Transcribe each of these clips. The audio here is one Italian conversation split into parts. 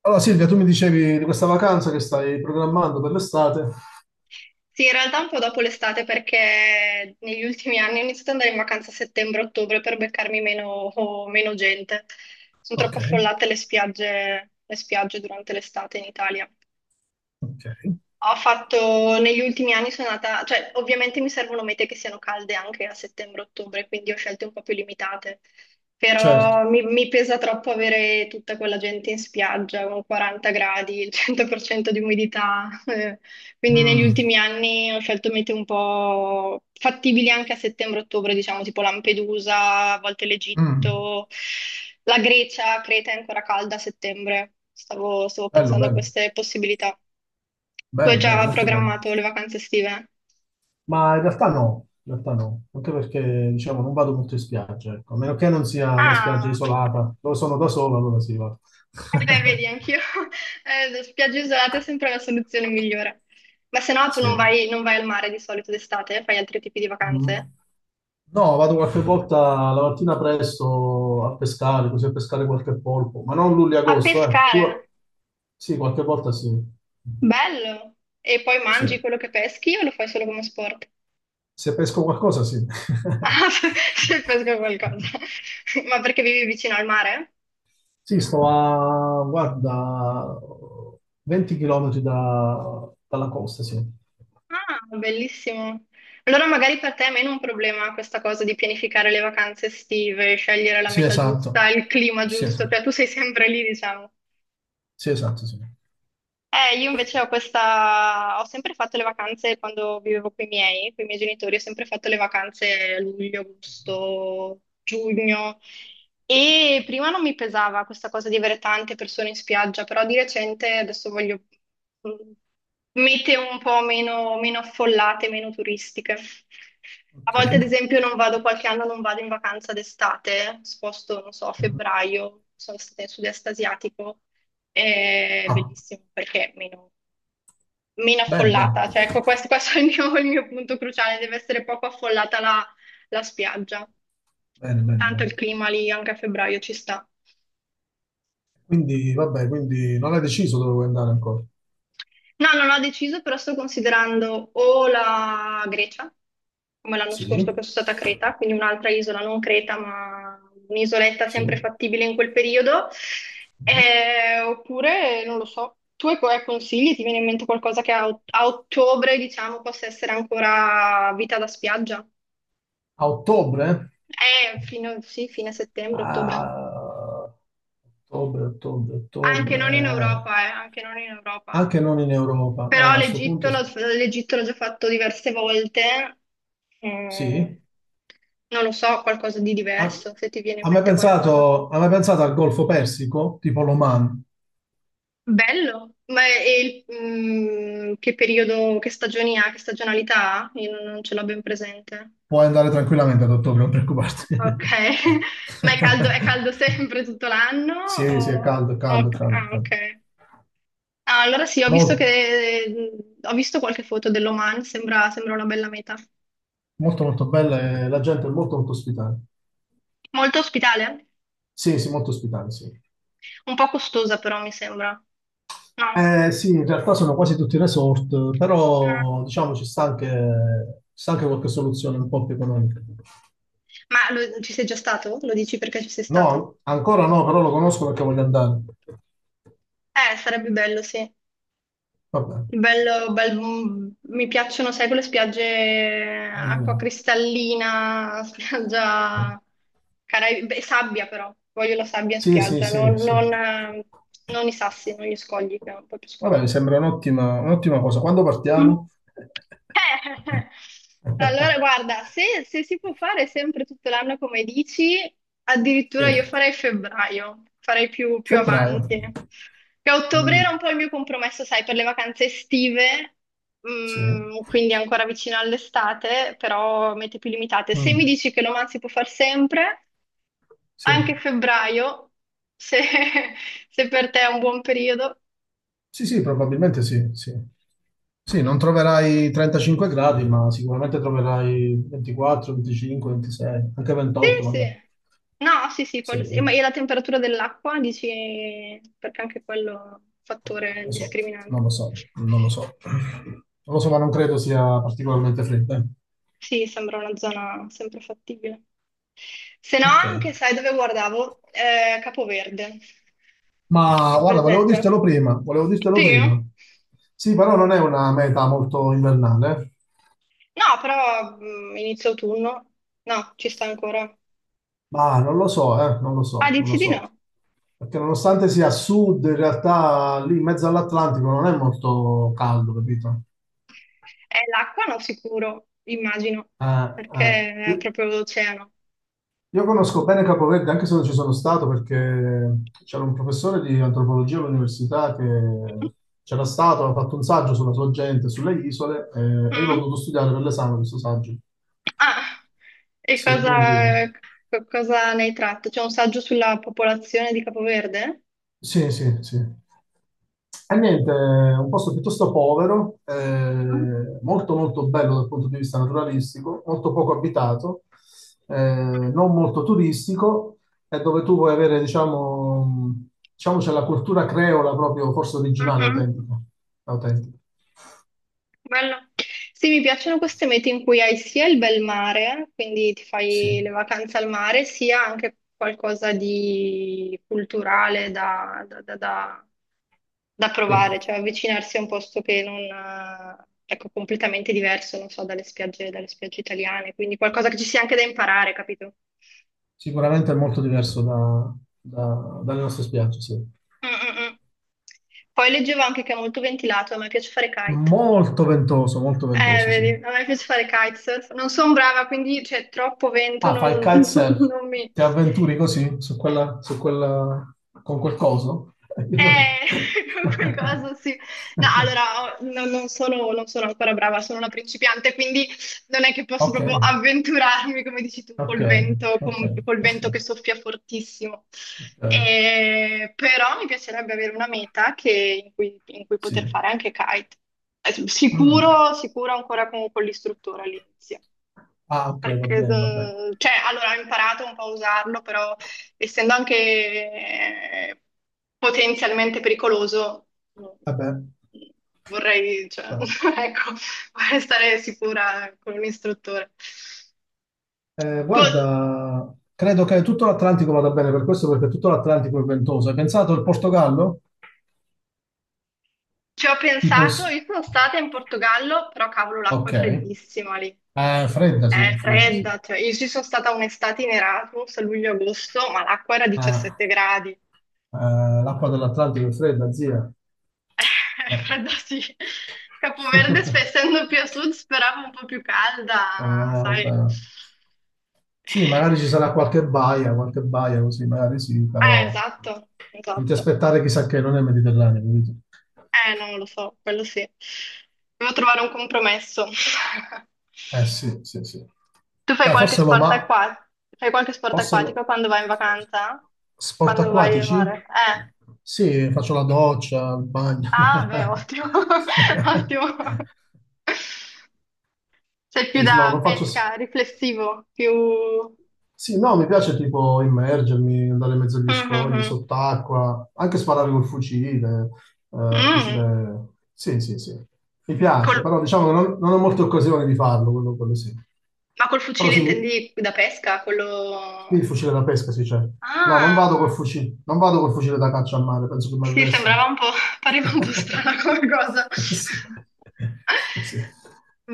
Allora Silvia, tu mi dicevi di questa vacanza che stai programmando per l'estate. Sì, in realtà un po' dopo l'estate perché negli ultimi anni ho iniziato ad andare in vacanza a settembre-ottobre per beccarmi meno, o meno gente. Sono troppo Ok, affollate le spiagge durante l'estate in Italia. ok, Ho fatto negli ultimi anni sono andata, cioè ovviamente mi servono mete che siano calde anche a settembre-ottobre, quindi ho scelte un po' più limitate, certo. però mi pesa troppo avere tutta quella gente in spiaggia con 40 gradi, il 100% di umidità, quindi negli Mm, ultimi anni ho scelto mete un po' fattibili anche a settembre-ottobre, diciamo tipo Lampedusa, a volte mm, l'Egitto, la Grecia, Creta è ancora calda a settembre, stavo bello, pensando a bello, queste possibilità. Tu hai bello, bello, già molto bello. programmato le vacanze estive? Ma in realtà no, anche perché diciamo non vado molto in spiaggia, ecco. A meno che non sia una spiaggia Ah, isolata, dove sono da solo, allora sì, vado. eh beh, vedi, anch'io. Spiagge isolate è sempre la soluzione migliore. Ma se no tu Sì. non vai, non vai al mare di solito d'estate, fai altri tipi di Mm. vacanze? No, vado qualche volta la mattina presto a pescare, così a pescare qualche polpo, ma non A luglio-agosto, eh. Più... pescare, Sì, qualche volta sì. bello! E poi mangi Sì. quello che peschi o lo fai solo come sport? Se pesco qualcosa, sì. Ah, se pesco qualcosa. Ma perché vivi vicino al mare? Sì, sto a, guarda, 20 km dalla costa, sì. Ah, bellissimo. Allora magari per te è meno un problema questa cosa di pianificare le vacanze estive, scegliere la Sì, meta giusta, esatto. il clima Sì, giusto, cioè tu sei sempre lì, diciamo. sì, esatto, sì. Io invece ho sempre fatto le vacanze quando vivevo con i miei genitori, ho sempre fatto le vacanze a luglio, agosto, giugno e prima non mi pesava questa cosa di avere tante persone in spiaggia, però di recente adesso voglio mm, meteo un po' meno affollate, meno turistiche. A Ok. volte, ad esempio, non vado, qualche anno non vado in vacanza d'estate, sposto, non so, a febbraio, sono stata in sud-est asiatico, è Ah, bellissimo perché meno bene, bene, affollata, cioè ecco, questo è il mio punto cruciale, deve essere poco affollata la spiaggia, bene, bene, tanto bene. il clima lì anche a febbraio ci sta. Quindi, vabbè, quindi non hai deciso dove vuoi andare ancora? No, non ho deciso, però sto considerando o la Grecia, come l'anno scorso che Sì, sono stata a Creta, quindi un'altra isola, non Creta, ma un'isoletta sì. sempre fattibile in quel periodo. Oppure non lo so. Tu hai consigli? Ti viene in mente qualcosa che a ottobre, diciamo, possa essere ancora vita da spiaggia? A ottobre? Fino, sì, fine settembre, ottobre. Ah, ottobre, ottobre, Anche non in ottobre. Europa, anche non in Europa. Anche non in Europa. Però Ah, a questo punto l'Egitto l'ho l'Egitto l'ho già fatto diverse volte. Mm, sì. non lo so, qualcosa di Ha, diverso, se ti viene in ha mai mente qualcosa. pensato, ha mai pensato al Golfo Persico, tipo l'Oman? Bello, che periodo, che stagioni ha, che stagionalità ha? Io non ce l'ho ben presente. Puoi andare tranquillamente ad ottobre, non preoccuparti. Ok, ma è caldo sempre tutto l'anno? Sì, sì, è caldo, è caldo, è caldo, è Ah, caldo. ok. Ah, allora sì, Mol- ho visto qualche foto dell'Oman, sembra, sembra una bella meta. Molto, molto, bella e la gente è molto, molto ospitale. Molto ospitale? Sì, sì, molto ospitale, sì. Un po' costosa però mi sembra. No. Sì, in realtà sono quasi tutti resort, Ah. però diciamo ci sta anche qualche soluzione un po' più economica. Ma ci sei già stato? Lo dici perché ci sei stato? No, ancora no, però lo conosco perché voglio andare. Sarebbe bello, sì. Vabbè. Bello, mi piacciono, sai, quelle spiagge acqua Mm. cristallina, Ok. spiaggia beh, sabbia però, voglio la sabbia in Sì, sì, spiaggia, sì, sì. Non i sassi, non gli scogli, che è un po' più Vabbè, mi scomodo. sembra un'ottima cosa. Quando Mm. partiamo? Eh, allora, guarda, se si può fare sempre tutto l'anno come dici, Sì. addirittura io farei febbraio, farei più Febbraio. avanti. Che a ottobre Mm, era un po' il mio compromesso, sai, per le vacanze estive, sì. Quindi ancora vicino all'estate, però mete più limitate. Se mi Mm, dici che l'Oman si può fare sempre, sì. anche febbraio, se se per te è un buon periodo. Sì, sì, probabilmente sì, sì. Sì, non troverai 35 gradi, ma sicuramente troverai 24, 25, 26, anche Sì, 28 sì. magari. No, sì, sì, quello sì. Ma Sì. e la temperatura dell'acqua, dici, perché anche quello è un fattore Lo so, non discriminante. lo so, non lo so. Non lo so, ma non credo sia particolarmente fredda. Eh. Sì, sembra una zona sempre fattibile. Se no, Ok. anche, sai dove guardavo? Capoverde. Ma È guarda, volevo presente? dirtelo prima, volevo dirtelo Sì. prima. Sì, però non è una meta molto invernale. Eh. No, però inizio autunno. No, ci sta ancora. Ma non lo so, non lo Ah, so, non dici lo di so. no? Perché nonostante sia a sud, in realtà lì in mezzo all'Atlantico non è molto caldo, capito? L'acqua no, sicuro, immagino, Eh, eh. perché è proprio l'oceano. Io conosco bene Capoverde, anche se non ci sono stato, perché c'era un professore di antropologia all'università che c'era stato, ha fatto un saggio sulla sua gente, sulle isole, e io l'ho Mm? dovuto studiare per l'esame questo saggio. Ah, e Sì, quindi... cosa ne hai tratto? C'è un saggio sulla popolazione di Capoverde? Sì, sì, sì. E niente, un posto piuttosto povero, molto molto bello dal punto di vista naturalistico, molto poco abitato, eh, non molto turistico, e dove tu puoi avere, diciamo, c'è la cultura creola proprio, forse originale, Mhm. autentica. Autentica. Bello. Sì, mi piacciono queste mete in cui hai sia il bel mare, quindi ti fai Sì, le vacanze al mare, sia anche qualcosa di culturale da provare, sì. cioè avvicinarsi a un posto che non, ecco, completamente diverso, non so, dalle spiagge italiane, quindi qualcosa che ci sia anche da imparare, capito? Sicuramente è molto diverso dalle nostre spiagge, sì. Mm, mm, mm. Poi leggevo anche che è molto ventilato, a me piace fare kite. Molto ventoso, sì. Vedi, a me piace fare kitesurf. Non sono brava, quindi c'è troppo vento, Ah, fai il non, kitesurf, non mi... ti avventuri così su quella, con quel coso? Eh, qualcosa sì. No, allora, non sono ancora brava, sono una principiante, quindi non è che posso Ok, proprio avventurarmi, come dici tu, ok, col vento, ok, col ok, vento che soffia fortissimo. ok, Però mi piacerebbe avere una meta in cui poter sì. fare anche kite. Mm. Sicuro, sicuro ancora con l'istruttore all'inizio. Ah, ok, va Perché, bene, va bene. Cioè, allora ho imparato un po' a usarlo, però essendo anche potenzialmente pericoloso, mm, Vabbè. vorrei, cioè, ecco, vorrei stare sicura con un istruttore. Tu, Guarda, credo che tutto l'Atlantico vada bene per questo, perché tutto l'Atlantico è ventoso. Hai pensato al Portogallo? ci ho Tipo il... pensato, s- io sono stata in Portogallo, però cavolo, l'acqua Ok. è freddissima lì. è fredda, sì, È è fredda, sì. fredda, cioè, io ci sono stata un'estate in Erasmus a luglio-agosto, ma l'acqua era Eh, 17 gradi. L'acqua dell'Atlantico è fredda, zia. Eh, Ah. fredda sì. Capoverde, essendo più a sud, speravo un po' più calda, Ah, sai. vabbè. Eh, Sì, magari ci sarà qualche baia così, magari sì, eh, però esatto, non ti esatto. aspettare chissà che non è Mediterraneo, capito? Non lo so, quello sì. Devo trovare un compromesso. Eh sì, sì, sì. Tu Dai, forse Roma, fai qualche sport Forse lo- acquatico quando vai in vacanza? sport Quando vai al acquatici? mare? Sì, faccio la doccia, il bagno. Ah, beh, ottimo. Ottimo. Sei più Sì, no, da non faccio... pesca, s- riflessivo, più... Sì, no, mi piace tipo immergermi, andare in mezzo agli Mhm. scogli, Mhm. sott'acqua, anche sparare col fucile, eh, Mm, fucile... Sì, sì, sì. Mi piace, col- però diciamo non ho molte occasioni di farlo, quello sì. ma col Però fucile sì, intendi da pesca? sì, il Quello... fucile da pesca, sì, c'è. No, non vado col Ah, fucile, non vado col fucile da caccia a mare, penso che mi sì, arrestano. sembrava un po', pareva un po' strana come cosa. Sì. Sì.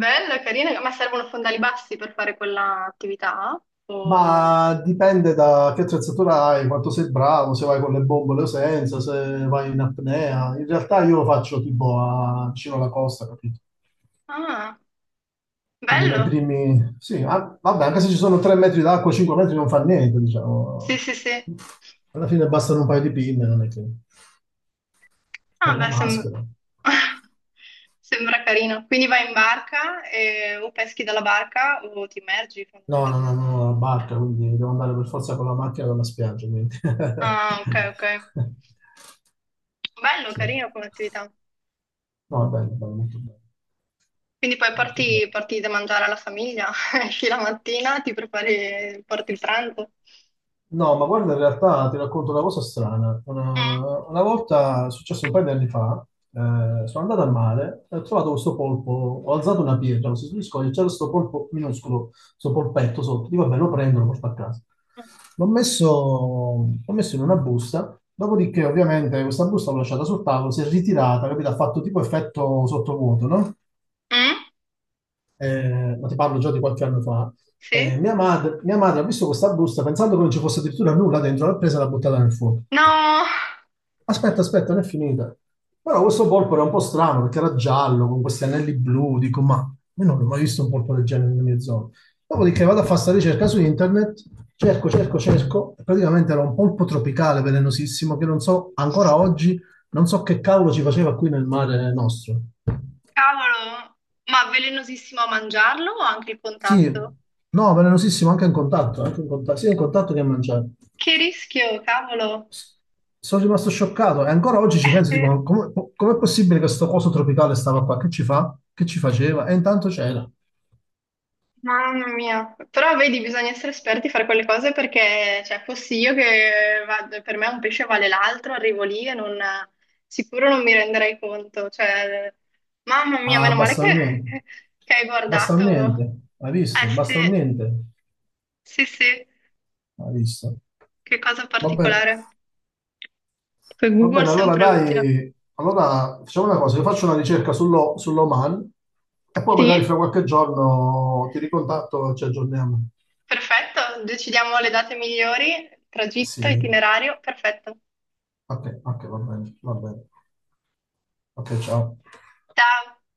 Bella, carina, ma servono fondali bassi per fare quella attività? Ma dipende da che attrezzatura hai, quanto sei bravo, se vai con le bombole o senza, se vai in apnea. In realtà io lo faccio tipo a vicino alla costa, capito? Ah, bello. Sì, ah, vabbè, anche se ci sono 3 metri d'acqua, 5 metri non fa niente, Sì, diciamo. sì, sì. Alla fine bastano un paio di pinne, non è che. È Ah, una beh, maschera. sembra carino. Quindi vai in barca o peschi dalla barca o ti immergi No, no, fondamentalmente. no, no, no, la barca, quindi devo andare per forza con la macchina dalla spiaggia, quindi. Ah, ok, ok. Bello, Sì. carino come attività. No, è bello, bello, molto bello, Quindi poi molto bello. porti da mangiare alla famiglia, esci la mattina, ti prepari, porti il pranzo. No, ma guarda, in realtà ti racconto una cosa strana. Mm. Una volta, è successo un paio di anni fa, sono andato al mare e ho trovato questo polpo, ho alzato una pietra, mi sono scordato, c'era questo polpo minuscolo, questo polpetto sotto, dico, vabbè, lo prendo, lo porto a casa. L'ho messo, l'ho messo in una busta, dopodiché ovviamente questa busta l'ho lasciata sul tavolo, si è ritirata, capito? Ha fatto tipo effetto sottovuoto, no? Mm? Ma ti parlo già di qualche anno fa, Sì? mia madre ha visto questa busta pensando che non ci fosse addirittura nulla dentro, l'ha presa e l'ha buttata nel fuoco. No, Aspetta, aspetta, non è finita. Però questo polpo era un po' strano perché era giallo, con questi anelli blu, dico, ma io non ho mai visto un polpo del genere nelle mie zone. Dopodiché vado a fare questa ricerca su internet, cerco, cerco, cerco, e praticamente era un polpo tropicale velenosissimo che non so, ancora oggi, non so che cavolo ci faceva qui nel mare nostro. cavolo, ma velenosissimo a mangiarlo o anche il Sì, contatto? no, velenosissimo, anche in contatto, sia in contatto che in mangiare. Che rischio, cavolo. S- Sono rimasto scioccato e ancora oggi ci penso, dico, Sì. ma come, com'è possibile che questo coso tropicale stava qua? Che ci fa? Che ci faceva? E intanto c'era. Mamma mia, però vedi, bisogna essere esperti a fare quelle cose perché, cioè, fossi io che vado, per me un pesce vale l'altro, arrivo lì e non, sicuro non mi renderei conto, cioè, mamma mia, Ah, meno male basta un che, niente. che hai Basta un guardato, niente. Hai visto? Basta un eh niente. sì, sì, sì, Hai visto? che cosa Va bene. particolare, poi Va Google è bene, allora sempre utile. dai, allora facciamo una cosa, io faccio una ricerca sull'Oman e poi Sì, magari fra qualche giorno ti ricontatto e ci aggiorniamo. perfetto, decidiamo le date migliori, tragitto, Sì. itinerario, perfetto, Ok, ok, va bene, va bene. Ok, ciao. ciao.